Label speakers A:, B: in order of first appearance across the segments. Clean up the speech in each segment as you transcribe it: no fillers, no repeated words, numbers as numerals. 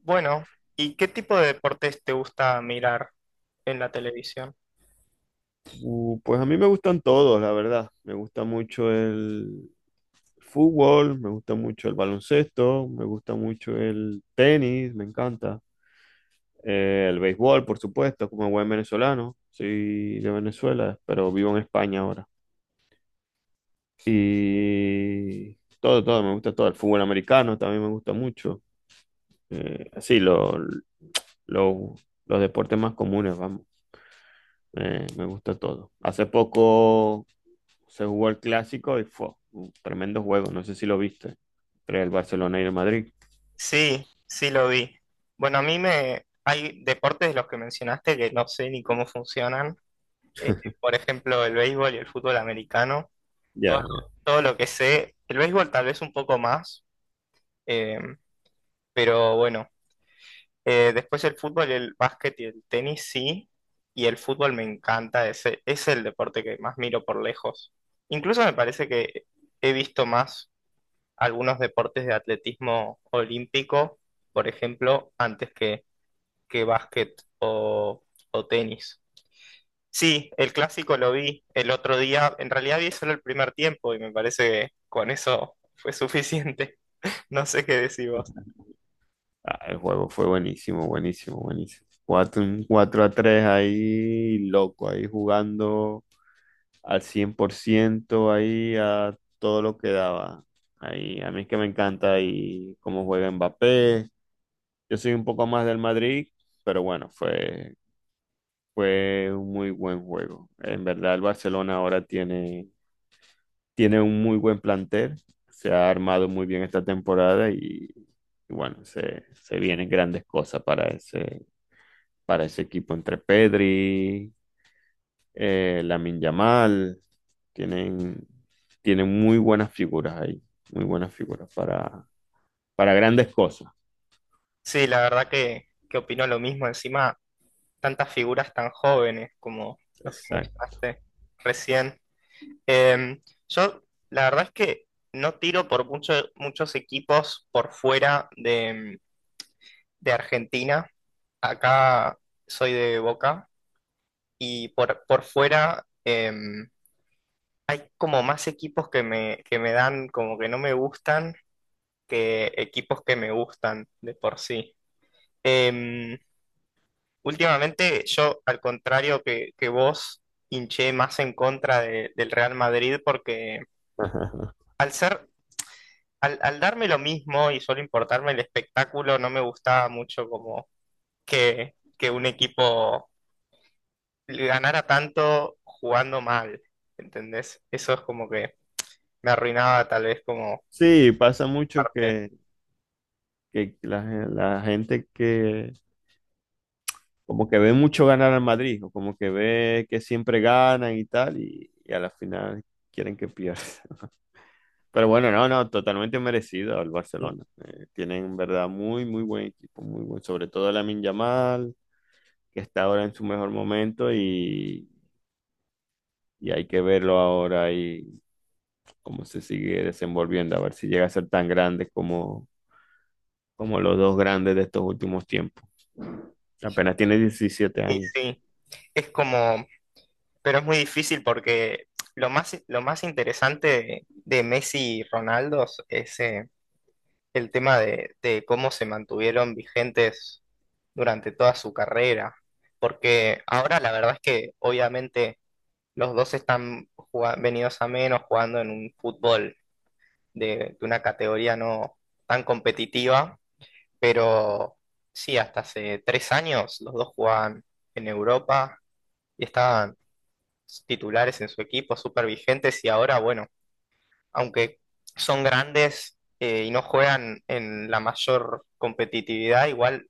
A: Bueno, ¿y qué tipo de deportes te gusta mirar en la televisión?
B: Pues a mí me gustan todos, la verdad. Me gusta mucho el fútbol, me gusta mucho el baloncesto, me gusta mucho el tenis, me encanta. El béisbol, por supuesto, como buen venezolano. Soy de Venezuela, pero vivo en España ahora. Y todo, todo, me gusta todo. El fútbol americano también me gusta mucho. Sí, lo- los deportes más comunes, vamos. Me gusta todo. Hace poco se jugó el clásico y fue un tremendo juego. No sé si lo viste. Entre el Barcelona y el Madrid.
A: Sí, sí lo vi. Bueno, a mí me... hay deportes de los que mencionaste que no sé ni cómo funcionan. Por ejemplo, el béisbol y el fútbol americano. Todo,
B: Ya.
A: todo lo que sé. El béisbol tal vez un poco más, eh, pero bueno, después el fútbol, el básquet y el tenis sí. Y el fútbol me encanta. Es el deporte que más miro por lejos. Incluso me parece que he visto más algunos deportes de atletismo olímpico, por ejemplo, antes que básquet o tenis. Sí, el clásico lo vi el otro día. En realidad vi solo el primer tiempo y me parece que con eso fue suficiente. No sé qué decís vos.
B: Ah, el juego fue buenísimo, buenísimo, buenísimo. Un 4 a tres ahí, loco, ahí jugando al 100% ahí a todo lo que daba. Ahí, a mí es que me encanta ahí cómo juega Mbappé. Yo soy un poco más del Madrid, pero bueno, fue un muy buen juego. En verdad, el Barcelona ahora tiene un muy buen plantel, se ha armado muy bien esta temporada y bueno, se vienen grandes cosas para ese equipo, entre Pedri, Lamine Yamal. tienen, Tienen muy buenas figuras ahí, muy buenas figuras para grandes cosas.
A: Sí, la verdad que opino lo mismo. Encima, tantas figuras tan jóvenes como los que
B: Exacto.
A: mencionaste recién. Em, yo, la verdad es que no tiro por muchos equipos por fuera de Argentina. Acá soy de Boca y por fuera hay como más equipos que que me dan como que no me gustan que equipos que me gustan de por sí. Em, Últimamente yo, al contrario que vos, hinché más en contra del Real Madrid porque al ser, al darme lo mismo y solo importarme el espectáculo, no me gustaba mucho como que un equipo ganara tanto jugando mal, ¿entendés? Eso es como que me arruinaba tal vez como
B: Sí, pasa mucho
A: parte.
B: que la gente que como que ve mucho ganar al Madrid, o como que ve que siempre ganan y tal, y a la final quieren que pierda. Pero bueno, no, no, totalmente merecido el
A: Y,
B: Barcelona. Tienen en verdad muy, muy buen equipo, muy buen, sobre todo Lamine Yamal, que está ahora en su mejor momento, y hay que verlo ahora y cómo se sigue desenvolviendo, a ver si llega a ser tan grande como los dos grandes de estos últimos tiempos. Apenas tiene 17
A: y
B: años.
A: sí, es como, pero es muy difícil porque lo más interesante de Messi y Ronaldo es el tema de cómo se mantuvieron vigentes durante toda su carrera. Porque ahora la verdad es que obviamente los dos están jugando, venidos a menos jugando en un fútbol de una categoría no tan competitiva, pero sí, hasta hace tres años los dos jugaban en Europa y estaban titulares en su equipo, súper vigentes y ahora, bueno, aunque son grandes y no juegan en la mayor competitividad, igual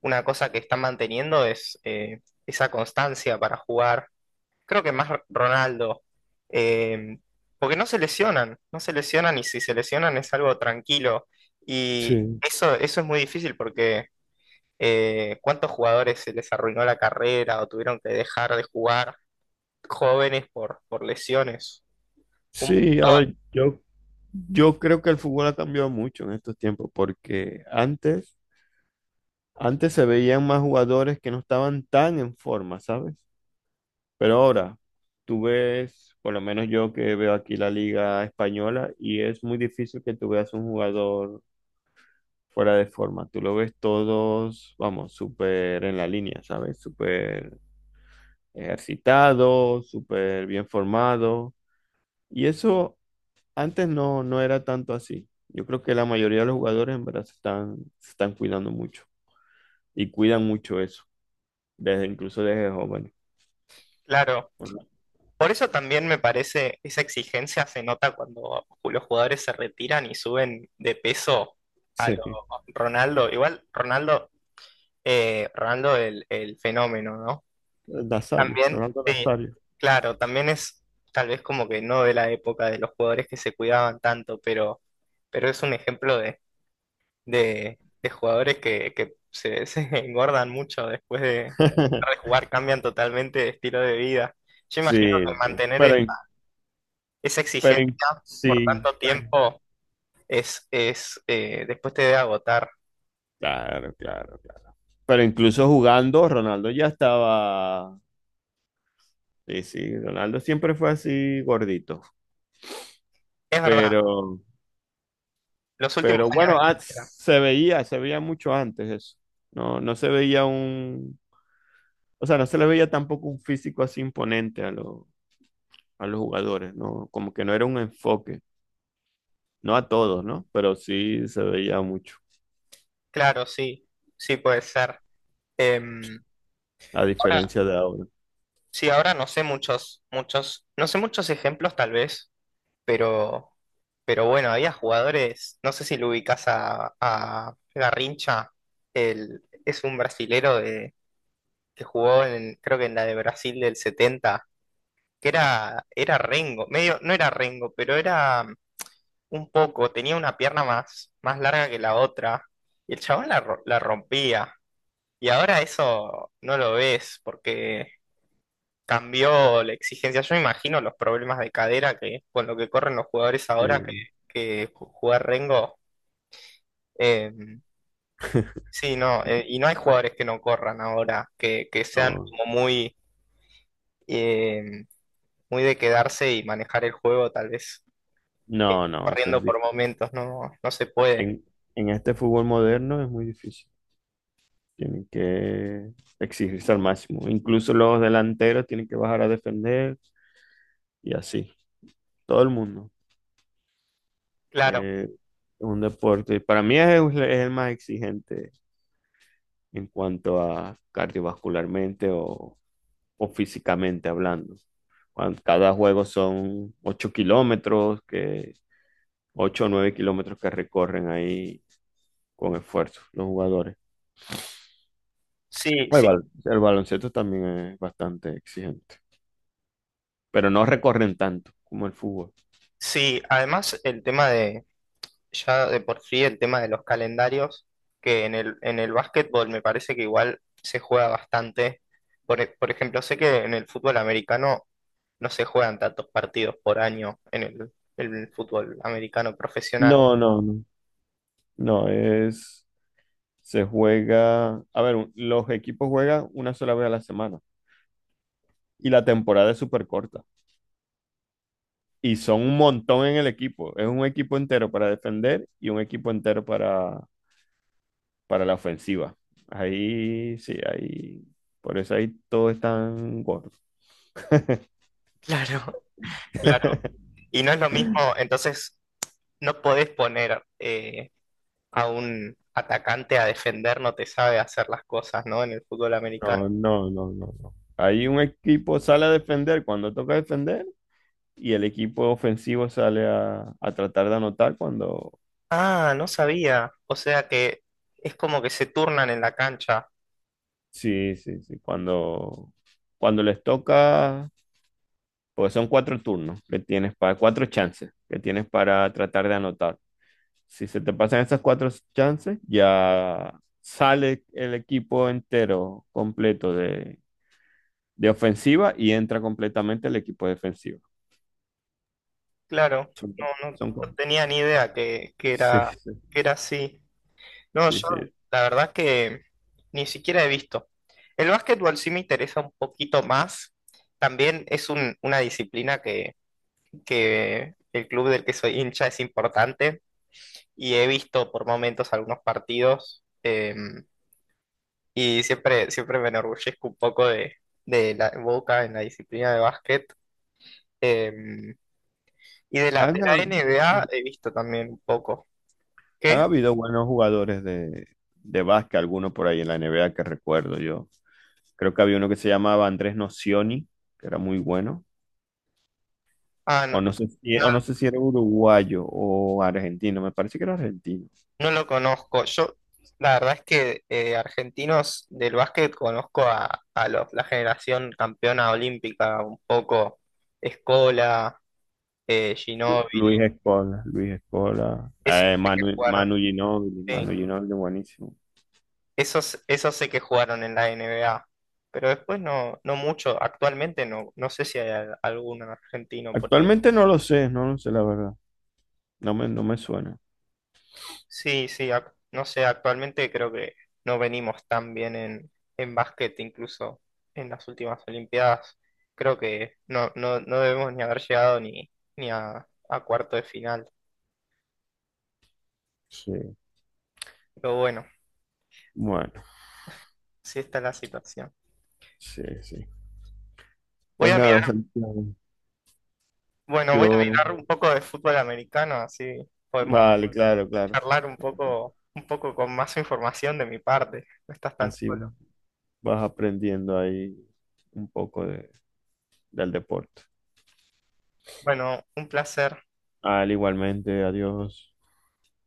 A: una cosa que están manteniendo es esa constancia para jugar creo que más Ronaldo, eh, porque no se lesionan, no se lesionan y si se lesionan es algo tranquilo. Y
B: Sí,
A: eso es muy difícil porque ¿cuántos jugadores se les arruinó la carrera o tuvieron que dejar de jugar jóvenes por lesiones? Un
B: sí, a
A: montón,
B: ver, yo creo que el fútbol ha cambiado mucho en estos tiempos, porque antes se veían más jugadores que no estaban tan en forma, ¿sabes? Pero ahora, tú ves, por lo menos yo que veo aquí la liga española, y es muy difícil que tú veas un jugador fuera de forma. Tú lo ves todos, vamos, súper en la línea, ¿sabes? Súper ejercitado, súper bien formado. Y eso. Antes no, no era tanto así. Yo creo que la mayoría de los jugadores en verdad se están cuidando mucho y cuidan mucho eso, desde, incluso desde jóvenes.
A: claro.
B: Bueno,
A: Por eso también me parece, esa exigencia se nota cuando los jugadores se retiran y suben de peso a lo
B: sí,
A: Ronaldo. Igual Ronaldo, Ronaldo el fenómeno, ¿no?
B: Nazario,
A: También,
B: Ronaldo
A: sí,
B: Nazario.
A: claro, también es tal vez como que no de la época de los jugadores que se cuidaban tanto, pero es un ejemplo de jugadores que se, se engordan mucho después de jugar, cambian totalmente de estilo de vida. Yo imagino que
B: Sí, sí.
A: mantener
B: Pero,
A: esa, esa exigencia por
B: sí,
A: tanto
B: bueno,
A: tiempo es después te debe agotar.
B: claro, claro, claro. Pero incluso jugando, Ronaldo ya estaba, sí, sí, Ronaldo siempre fue así gordito,
A: Es verdad,
B: pero
A: los últimos
B: Pero
A: años
B: bueno, ah,
A: de carrera.
B: se veía mucho antes eso. No, no se veía o sea, no se le veía tampoco un físico así imponente a a los jugadores, ¿no? Como que no era un enfoque, no a todos, ¿no? Pero sí se veía mucho,
A: Claro, sí, sí puede ser. Em,
B: a diferencia de ahora.
A: Sí, ahora no sé muchos, no sé muchos ejemplos tal vez, pero, pero bueno, había jugadores, no sé si lo ubicás a Garrincha, es un brasilero de, que jugó en, creo que en la de Brasil del 70 que era Rengo, medio, no era Rengo, pero era un poco, tenía una pierna más larga que la otra, y el chabón la rompía, y ahora eso no lo ves, porque cambió la exigencia. Yo me imagino los problemas de cadera que con lo que corren los jugadores
B: Sí,
A: ahora que jugar Rengo. eh, sí, no, y no hay jugadores que no corran ahora, que sean
B: no,
A: como muy, eh, muy de quedarse y manejar el juego, tal vez
B: no, no, eso es
A: corriendo por
B: difícil.
A: momentos, no, no se puede.
B: En, en este fútbol moderno es muy difícil. Tienen que exigirse al máximo. Incluso los delanteros tienen que bajar a defender y así. Todo el mundo.
A: Claro,
B: Eh, un deporte, para mí es el más exigente en cuanto a cardiovascularmente o físicamente hablando. Cada juego son 8 kilómetros, que 8 o 9 kilómetros que recorren ahí con esfuerzo los jugadores.
A: sí,
B: El,
A: sí,
B: el baloncesto también es bastante exigente, pero no recorren tanto como el fútbol.
A: sí. Además, el tema de ya de por sí el tema de los calendarios, que en en el básquetbol me parece que igual se juega bastante. Por ejemplo, sé que en el fútbol americano no se juegan tantos partidos por año en en el fútbol americano profesional.
B: No, no, no. No, es se juega, a ver, los equipos juegan una sola vez a la semana y la temporada es súper corta. Y son un montón en el equipo. Es un equipo entero para defender y un equipo entero para la ofensiva. Ahí sí, ahí. Por eso ahí todos están gordos.
A: Claro. Claro. Y no es lo mismo, entonces no podés poner a un atacante a defender, no te sabe hacer las cosas, ¿no? En el fútbol americano.
B: No, no, no, no, no. Ahí un equipo sale a defender cuando toca defender y el equipo ofensivo sale a tratar de anotar cuando,
A: Ah, no sabía. O sea que es como que se turnan en la cancha.
B: sí, sí, sí, cuando les toca. Pues son cuatro turnos que tienes para, cuatro chances que tienes para tratar de anotar. Si se te pasan esas cuatro chances, ya sale el equipo entero completo de ofensiva y entra completamente el equipo defensivo.
A: Claro,
B: Son,
A: no, no,
B: son
A: no
B: co-
A: tenía ni idea
B: sí, sí,
A: que era así. No,
B: sí,
A: yo
B: sí.
A: la verdad que ni siquiera he visto. El básquetbol sí me interesa un poquito más. También es una disciplina que el club del que soy hincha es importante y he visto por momentos algunos partidos y siempre, siempre me enorgullezco un poco de la Boca en la disciplina de básquet. eh, y de de la
B: Han,
A: NBA he visto también un poco.
B: han
A: ¿Qué?
B: habido buenos jugadores de básquet, algunos por ahí en la NBA que recuerdo yo. Creo que había uno que se llamaba Andrés Nocioni, que era muy bueno.
A: Ah, no,
B: O no sé si,
A: no,
B: o no sé si era uruguayo o argentino, me parece que era argentino.
A: no lo conozco. La verdad es que argentinos del básquet conozco a los, la generación campeona olímpica, un poco Escola, Ginóbili,
B: Luis Escola, Luis Escola,
A: esos sé que
B: Manu,
A: jugaron,
B: Manu Ginóbili,
A: sí,
B: Manu Ginóbili, buenísimo.
A: esos sé que jugaron en la NBA, pero después no, no mucho, actualmente no, no sé si hay algún argentino por ahí.
B: Actualmente no lo sé, no lo sé la verdad, no me suena.
A: Sí, sí, no sé, actualmente creo que no venimos tan bien en básquet, incluso en las últimas Olimpiadas. Creo que no, no, no debemos ni haber llegado ni, ni a, a cuarto de final.
B: Sí,
A: Pero bueno,
B: bueno,
A: sí está la situación.
B: sí, sí.
A: Voy
B: Pues
A: a mirar,
B: nada, Santiago,
A: bueno, voy a
B: yo,
A: mirar un poco de fútbol americano, así podemos
B: vale, claro, claro,
A: charlar un poco con más información de mi parte. No estás tan
B: así
A: solo.
B: vas aprendiendo ahí un poco del deporte.
A: Bueno, un placer.
B: Al igualmente, adiós.